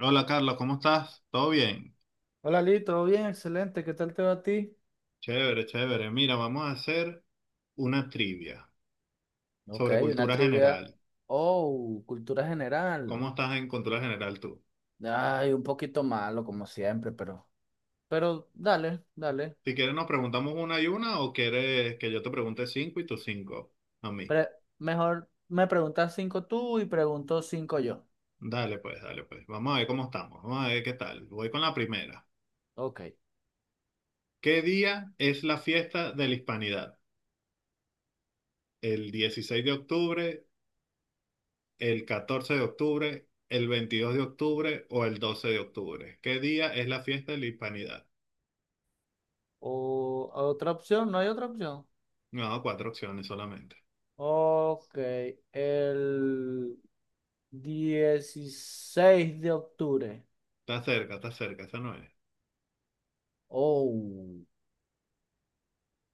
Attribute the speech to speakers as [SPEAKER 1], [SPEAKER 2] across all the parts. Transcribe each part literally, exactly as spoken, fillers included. [SPEAKER 1] Hola, Carlos, ¿cómo estás? ¿Todo bien?
[SPEAKER 2] Hola Lee, ¿todo bien? Excelente, ¿qué tal te va a ti?
[SPEAKER 1] Chévere, chévere. Mira, vamos a hacer una trivia
[SPEAKER 2] Ok,
[SPEAKER 1] sobre
[SPEAKER 2] una
[SPEAKER 1] cultura
[SPEAKER 2] trivia.
[SPEAKER 1] general.
[SPEAKER 2] Oh, cultura general.
[SPEAKER 1] ¿Cómo estás en cultura general tú?
[SPEAKER 2] Ay, un poquito malo como siempre, pero. Pero dale, dale.
[SPEAKER 1] Si quieres nos preguntamos una y una o quieres que yo te pregunte cinco y tú cinco a mí.
[SPEAKER 2] Pre- Mejor me preguntas cinco tú y pregunto cinco yo.
[SPEAKER 1] Dale pues, dale pues. Vamos a ver cómo estamos. Vamos a ver qué tal. Voy con la primera.
[SPEAKER 2] Ok.
[SPEAKER 1] ¿Qué día es la fiesta de la Hispanidad? ¿El dieciséis de octubre, el catorce de octubre, el veintidós de octubre o el doce de octubre? ¿Qué día es la fiesta de la Hispanidad?
[SPEAKER 2] O otra opción, no hay otra opción.
[SPEAKER 1] No, cuatro opciones solamente.
[SPEAKER 2] Ok, el dieciséis de octubre.
[SPEAKER 1] Está cerca, está cerca, esa no es.
[SPEAKER 2] Oh,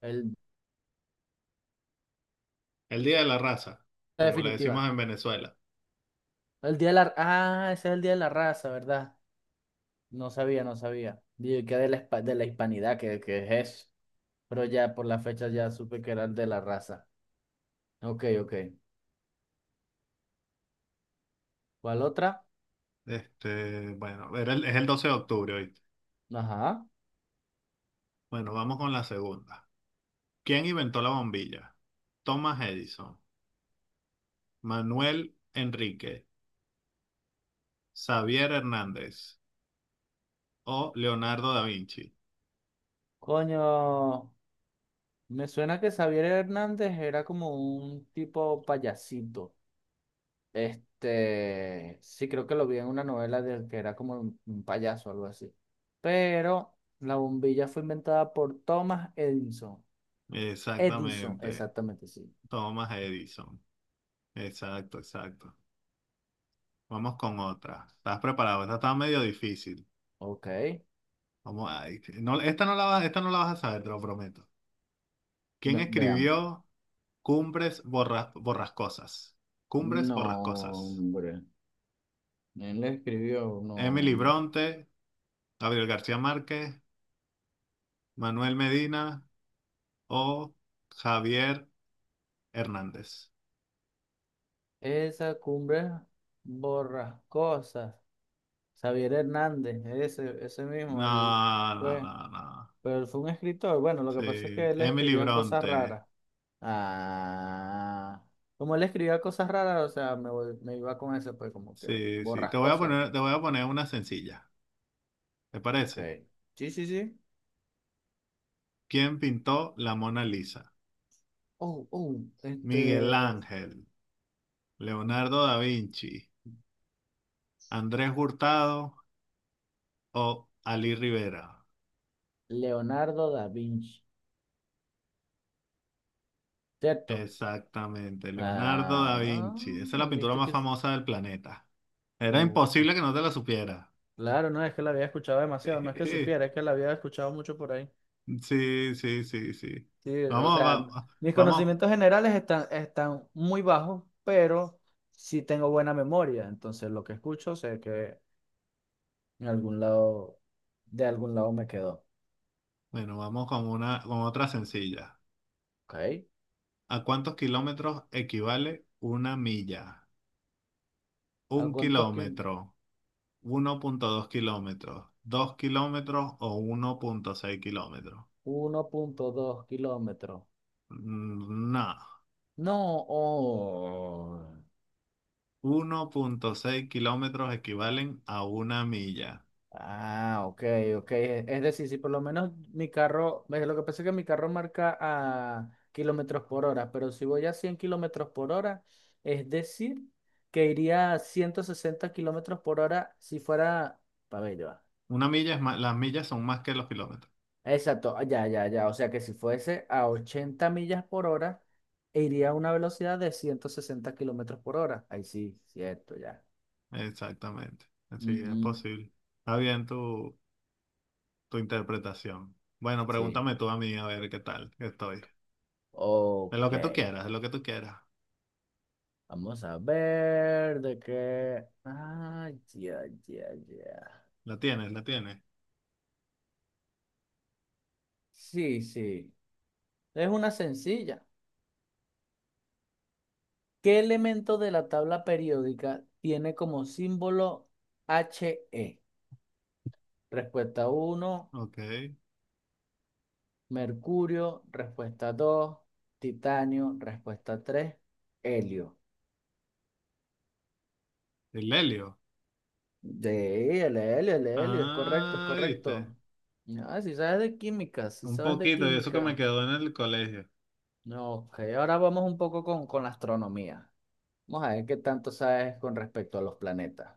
[SPEAKER 2] el...
[SPEAKER 1] El Día de la Raza,
[SPEAKER 2] la
[SPEAKER 1] como le decimos
[SPEAKER 2] definitiva.
[SPEAKER 1] en Venezuela.
[SPEAKER 2] El día de la... Ah, ese es el día de la raza, ¿verdad? No sabía, no sabía. Dije que de la, hispa- de la hispanidad, que, que es. Pero ya por la fecha ya supe que eran de la raza. Ok, ok. ¿Cuál otra?
[SPEAKER 1] Este, bueno, era el- es el doce de octubre, ¿oíste?
[SPEAKER 2] Ajá.
[SPEAKER 1] Bueno, vamos con la segunda. ¿Quién inventó la bombilla? Thomas Edison, Manuel Enrique, Xavier Hernández o Leonardo da Vinci.
[SPEAKER 2] Coño, me suena que Xavier Hernández era como un tipo payasito. Este, sí, creo que lo vi en una novela de que era como un, un payaso o algo así. Pero la bombilla fue inventada por Thomas Edison. Edison,
[SPEAKER 1] Exactamente,
[SPEAKER 2] exactamente, sí.
[SPEAKER 1] Thomas Edison. Exacto, exacto. Vamos con otra. ¿Estás preparado? Esta está medio difícil.
[SPEAKER 2] Ok, ve-
[SPEAKER 1] Vamos a, no, esta no la vas, esta no la vas a saber, te lo prometo. ¿Quién
[SPEAKER 2] veamos.
[SPEAKER 1] escribió Cumbres Borra- Borrascosas? Cumbres
[SPEAKER 2] No,
[SPEAKER 1] Borrascosas.
[SPEAKER 2] hombre. Él escribió, no,
[SPEAKER 1] Emily
[SPEAKER 2] hombre.
[SPEAKER 1] Bronte, Gabriel García Márquez, Manuel Medina o Javier Hernández.
[SPEAKER 2] Esa cumbre borrascosas. Xavier Hernández, ese, ese mismo, él
[SPEAKER 1] No, no,
[SPEAKER 2] fue,
[SPEAKER 1] no, no.
[SPEAKER 2] pero él fue un escritor. Bueno, lo que pasa es que
[SPEAKER 1] Sí,
[SPEAKER 2] él
[SPEAKER 1] Emily
[SPEAKER 2] escribía cosas
[SPEAKER 1] Bronte.
[SPEAKER 2] raras. Ah, como él escribía cosas raras, o sea, me, vol- me iba con eso, pues como que
[SPEAKER 1] Sí, sí. Te voy a
[SPEAKER 2] borrascosas,
[SPEAKER 1] poner,
[SPEAKER 2] ¿no?
[SPEAKER 1] te voy a poner una sencilla. ¿Te
[SPEAKER 2] Ok.
[SPEAKER 1] parece?
[SPEAKER 2] Sí, sí, sí.
[SPEAKER 1] ¿Quién pintó la Mona Lisa?
[SPEAKER 2] Oh, oh,
[SPEAKER 1] Miguel
[SPEAKER 2] este.
[SPEAKER 1] Ángel, Leonardo da Vinci, Andrés Hurtado o Ali Rivera.
[SPEAKER 2] Leonardo da Vinci, ¿cierto?
[SPEAKER 1] Exactamente, Leonardo da
[SPEAKER 2] Ah,
[SPEAKER 1] Vinci. Esa es la
[SPEAKER 2] ¿no
[SPEAKER 1] pintura
[SPEAKER 2] viste
[SPEAKER 1] más
[SPEAKER 2] que s-
[SPEAKER 1] famosa del planeta. Era
[SPEAKER 2] no, pues,
[SPEAKER 1] imposible que no te la supiera.
[SPEAKER 2] claro, no es que la había escuchado demasiado, no es que supiera, es que la había escuchado mucho por ahí.
[SPEAKER 1] Sí, sí, sí, sí.
[SPEAKER 2] Sí, o
[SPEAKER 1] Vamos,
[SPEAKER 2] sea,
[SPEAKER 1] va-
[SPEAKER 2] mis
[SPEAKER 1] vamos,
[SPEAKER 2] conocimientos generales están, están muy bajos, pero sí tengo buena memoria, entonces lo que escucho sé que en algún lado, de algún lado me quedó.
[SPEAKER 1] bueno, vamos con una, con otra sencilla.
[SPEAKER 2] ¿Ok?
[SPEAKER 1] ¿A cuántos kilómetros equivale una milla?
[SPEAKER 2] ¿A
[SPEAKER 1] Un
[SPEAKER 2] cuántos kilómetros?
[SPEAKER 1] kilómetro, uno punto dos kilómetros, dos kilómetros o uno punto seis kilómetros.
[SPEAKER 2] uno punto dos kilómetros.
[SPEAKER 1] Mm, no.
[SPEAKER 2] No, oh.
[SPEAKER 1] Uno punto seis kilómetros equivalen a una milla.
[SPEAKER 2] Ah, ok, ok. Es es decir, si por lo menos mi carro, ve, lo que pasa es que mi carro marca a kilómetros por hora, pero si voy a cien kilómetros por hora, es decir, que iría a ciento sesenta kilómetros por hora si fuera, a ver, ya va.
[SPEAKER 1] Una milla es más, las millas son más que los kilómetros.
[SPEAKER 2] Exacto, ah, ya, ya, ya. O sea que si fuese a ochenta millas por hora, iría a una velocidad de ciento sesenta kilómetros por hora. Ahí sí, cierto, ya.
[SPEAKER 1] Exactamente. Así es
[SPEAKER 2] Ujú,
[SPEAKER 1] posible. Está bien tu, tu interpretación. Bueno,
[SPEAKER 2] sí,
[SPEAKER 1] pregúntame tú a mí a ver qué tal estoy. De lo
[SPEAKER 2] ok.
[SPEAKER 1] que tú quieras, de lo que tú quieras.
[SPEAKER 2] Vamos a ver de qué. Ah, ya, ya, ya.
[SPEAKER 1] La tienes, la tienes.
[SPEAKER 2] Sí, sí. Es una sencilla. ¿Qué elemento de la tabla periódica tiene como símbolo He? Respuesta uno,
[SPEAKER 1] Ok.
[SPEAKER 2] mercurio. Respuesta dos, titanio. Respuesta tres, helio.
[SPEAKER 1] El helio.
[SPEAKER 2] De el helio, el helio. Es correcto, es
[SPEAKER 1] Ah, viste.
[SPEAKER 2] correcto. Ah, si sabes de química, si
[SPEAKER 1] Un
[SPEAKER 2] sabes de
[SPEAKER 1] poquito, y eso que
[SPEAKER 2] química.
[SPEAKER 1] me quedó en el colegio.
[SPEAKER 2] No, ok, ahora vamos un poco con, con, la astronomía. Vamos a ver qué tanto sabes con respecto a los planetas.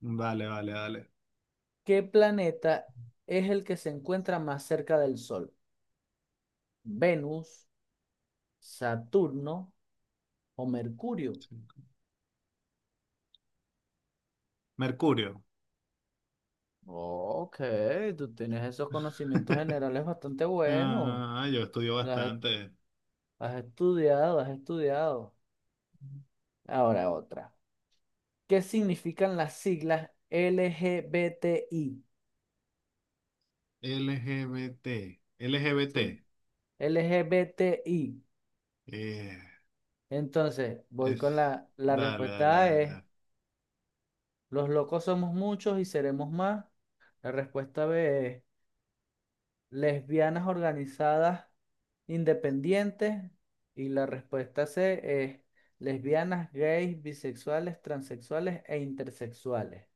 [SPEAKER 1] Vale, vale, vale.
[SPEAKER 2] ¿Qué planeta es el que se encuentra más cerca del Sol? ¿Venus, Saturno o Mercurio?
[SPEAKER 1] Sí. Mercurio.
[SPEAKER 2] Ok, tú tienes esos conocimientos generales bastante buenos.
[SPEAKER 1] Ah, yo estudio
[SPEAKER 2] Las he-
[SPEAKER 1] bastante.
[SPEAKER 2] Has estudiado, has estudiado. Ahora otra. ¿Qué significan las siglas L G B T I?
[SPEAKER 1] LGBT.
[SPEAKER 2] Sí,
[SPEAKER 1] L G B T.
[SPEAKER 2] L G B T I.
[SPEAKER 1] eh,
[SPEAKER 2] Entonces, voy
[SPEAKER 1] es,
[SPEAKER 2] con la, la
[SPEAKER 1] dale, dale,
[SPEAKER 2] respuesta A
[SPEAKER 1] dale.
[SPEAKER 2] es:
[SPEAKER 1] Dale.
[SPEAKER 2] los locos somos muchos y seremos más. La respuesta B es: lesbianas organizadas independientes. Y la respuesta C es: lesbianas, gays, bisexuales, transexuales e intersexuales.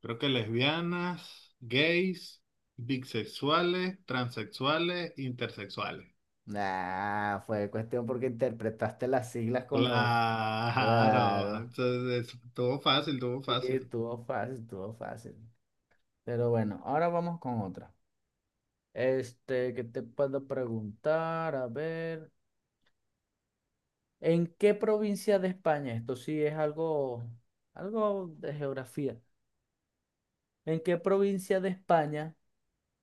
[SPEAKER 1] Creo que lesbianas, gays, bisexuales, transexuales, intersexuales.
[SPEAKER 2] Nah, fue cuestión porque interpretaste las siglas con los.
[SPEAKER 1] Claro.
[SPEAKER 2] Claro.
[SPEAKER 1] Entonces, es- todo fácil, todo
[SPEAKER 2] Sí,
[SPEAKER 1] fácil.
[SPEAKER 2] estuvo fácil, estuvo fácil. Pero bueno, ahora vamos con otra. Este, ¿qué te puedo preguntar? A ver. ¿En qué provincia de España? Esto sí es algo, algo de geografía. ¿En qué provincia de España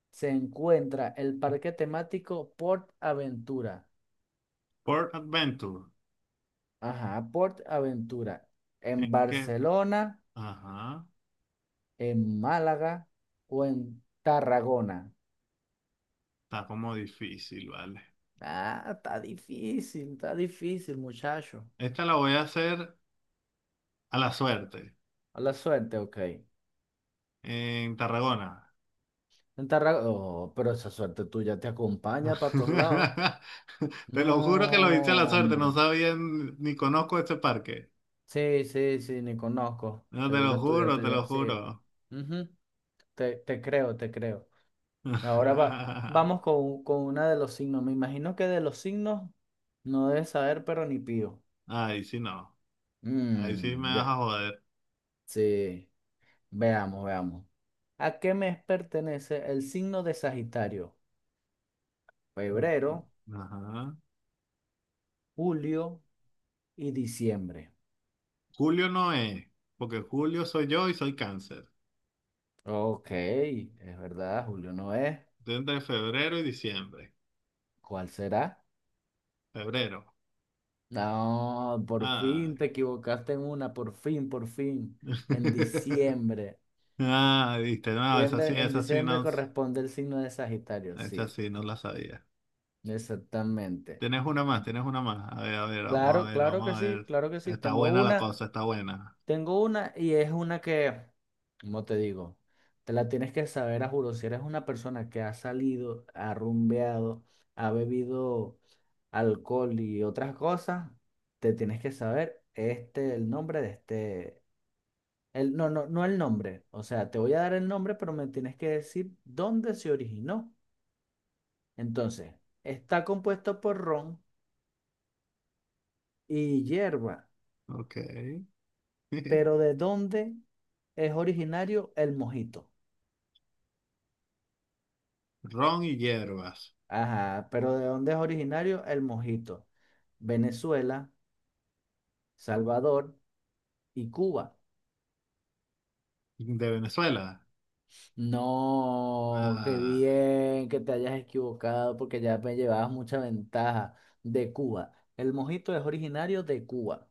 [SPEAKER 2] se encuentra el parque temático Port Aventura?
[SPEAKER 1] Port Adventure.
[SPEAKER 2] Ajá, Port Aventura. ¿En
[SPEAKER 1] ¿En qué?
[SPEAKER 2] Barcelona,
[SPEAKER 1] Ajá.
[SPEAKER 2] en Málaga o en Tarragona?
[SPEAKER 1] Está como difícil, vale.
[SPEAKER 2] Ah, está difícil, está difícil, muchacho.
[SPEAKER 1] Esta la voy a hacer a la suerte.
[SPEAKER 2] A la suerte, ok.
[SPEAKER 1] En Tarragona.
[SPEAKER 2] En Tarragona. Oh, pero esa suerte tuya te acompaña para todos lados.
[SPEAKER 1] Te lo juro que
[SPEAKER 2] No,
[SPEAKER 1] lo hice a la suerte, no
[SPEAKER 2] hombre.
[SPEAKER 1] sabía ni ni conozco este parque.
[SPEAKER 2] Sí, sí, sí, ni conozco.
[SPEAKER 1] No, te lo
[SPEAKER 2] Seguro
[SPEAKER 1] juro,
[SPEAKER 2] estudiaste
[SPEAKER 1] te
[SPEAKER 2] ya.
[SPEAKER 1] lo
[SPEAKER 2] Sí.
[SPEAKER 1] juro.
[SPEAKER 2] Ujú, Te, te creo, te creo. Ahora va, vamos con, con una de los signos. Me imagino que de los signos no debes saber, pero ni pío.
[SPEAKER 1] Ahí sí no, ahí sí me
[SPEAKER 2] Mm,
[SPEAKER 1] vas
[SPEAKER 2] ya.
[SPEAKER 1] a joder.
[SPEAKER 2] Sí. Veamos, veamos. ¿A qué mes pertenece el signo de Sagitario? Febrero,
[SPEAKER 1] Ajá.
[SPEAKER 2] julio y diciembre.
[SPEAKER 1] Julio no es, porque Julio soy yo y soy cáncer.
[SPEAKER 2] Ok, es verdad, julio no es.
[SPEAKER 1] Estoy entre febrero y diciembre.
[SPEAKER 2] ¿Cuál será?
[SPEAKER 1] Febrero.
[SPEAKER 2] No, por
[SPEAKER 1] Ay.
[SPEAKER 2] fin te equivocaste en una, por fin, por fin. En diciembre.
[SPEAKER 1] Ah, viste, no, esa sí,
[SPEAKER 2] Diciembre- en
[SPEAKER 1] esa sí
[SPEAKER 2] diciembre
[SPEAKER 1] no,
[SPEAKER 2] corresponde el signo de Sagitario,
[SPEAKER 1] esa
[SPEAKER 2] sí,
[SPEAKER 1] sí no la sabía.
[SPEAKER 2] exactamente.
[SPEAKER 1] Tienes una más,
[SPEAKER 2] En-
[SPEAKER 1] tienes una más. A ver, a ver, vamos a
[SPEAKER 2] Claro,
[SPEAKER 1] ver,
[SPEAKER 2] claro que
[SPEAKER 1] vamos a
[SPEAKER 2] sí,
[SPEAKER 1] ver.
[SPEAKER 2] claro que sí.
[SPEAKER 1] Está
[SPEAKER 2] Tengo
[SPEAKER 1] buena la
[SPEAKER 2] una,
[SPEAKER 1] cosa, está buena.
[SPEAKER 2] tengo una y es una que, ¿cómo te digo? Te la tienes que saber a juro. Si eres una persona que ha salido, ha rumbeado, ha bebido alcohol y otras cosas, te tienes que saber este, el nombre de este. El, no, no, no el nombre. O sea, te voy a dar el nombre, pero me tienes que decir dónde se originó. Entonces, está compuesto por ron y hierba,
[SPEAKER 1] Ok.
[SPEAKER 2] pero ¿de dónde es originario el mojito?
[SPEAKER 1] Ron y hierbas.
[SPEAKER 2] Ajá, pero ¿de dónde es originario el mojito? Venezuela, Salvador y Cuba.
[SPEAKER 1] De Venezuela.
[SPEAKER 2] No, qué
[SPEAKER 1] Ah,
[SPEAKER 2] bien que te hayas equivocado porque ya me llevabas mucha ventaja. De Cuba. El mojito es originario de Cuba.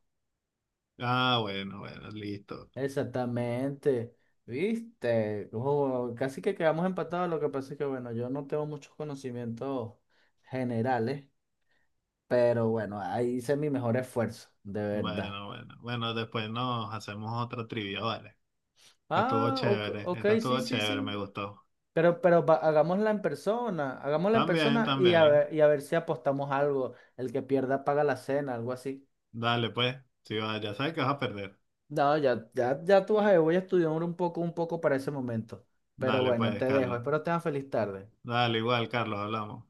[SPEAKER 1] ah, bueno, bueno, listo.
[SPEAKER 2] Exactamente. ¿Viste? Ojo, casi que quedamos empatados. Lo que pasa es que, bueno, yo no tengo muchos conocimientos generales, pero bueno, ahí hice mi mejor esfuerzo, de verdad.
[SPEAKER 1] Bueno, bueno. Bueno, después nos hacemos otra trivia, vale. Estuvo
[SPEAKER 2] Ah, ok,
[SPEAKER 1] chévere,
[SPEAKER 2] ok,
[SPEAKER 1] esta estuvo
[SPEAKER 2] sí, sí,
[SPEAKER 1] chévere, me
[SPEAKER 2] sí.
[SPEAKER 1] gustó.
[SPEAKER 2] Pero, pero va- hagámosla en persona, hagámosla en
[SPEAKER 1] También,
[SPEAKER 2] persona y a
[SPEAKER 1] también.
[SPEAKER 2] ver, y a ver si apostamos algo. El que pierda paga la cena, algo así.
[SPEAKER 1] Dale, pues. Si va, ya sabes que vas a perder.
[SPEAKER 2] No, ya, ya, ya tú vas a ver, voy a estudiar un poco, un poco para ese momento. Pero
[SPEAKER 1] Dale,
[SPEAKER 2] bueno,
[SPEAKER 1] pues,
[SPEAKER 2] te dejo.
[SPEAKER 1] Carlos.
[SPEAKER 2] Espero tengas feliz tarde.
[SPEAKER 1] Dale, igual, Carlos, hablamos.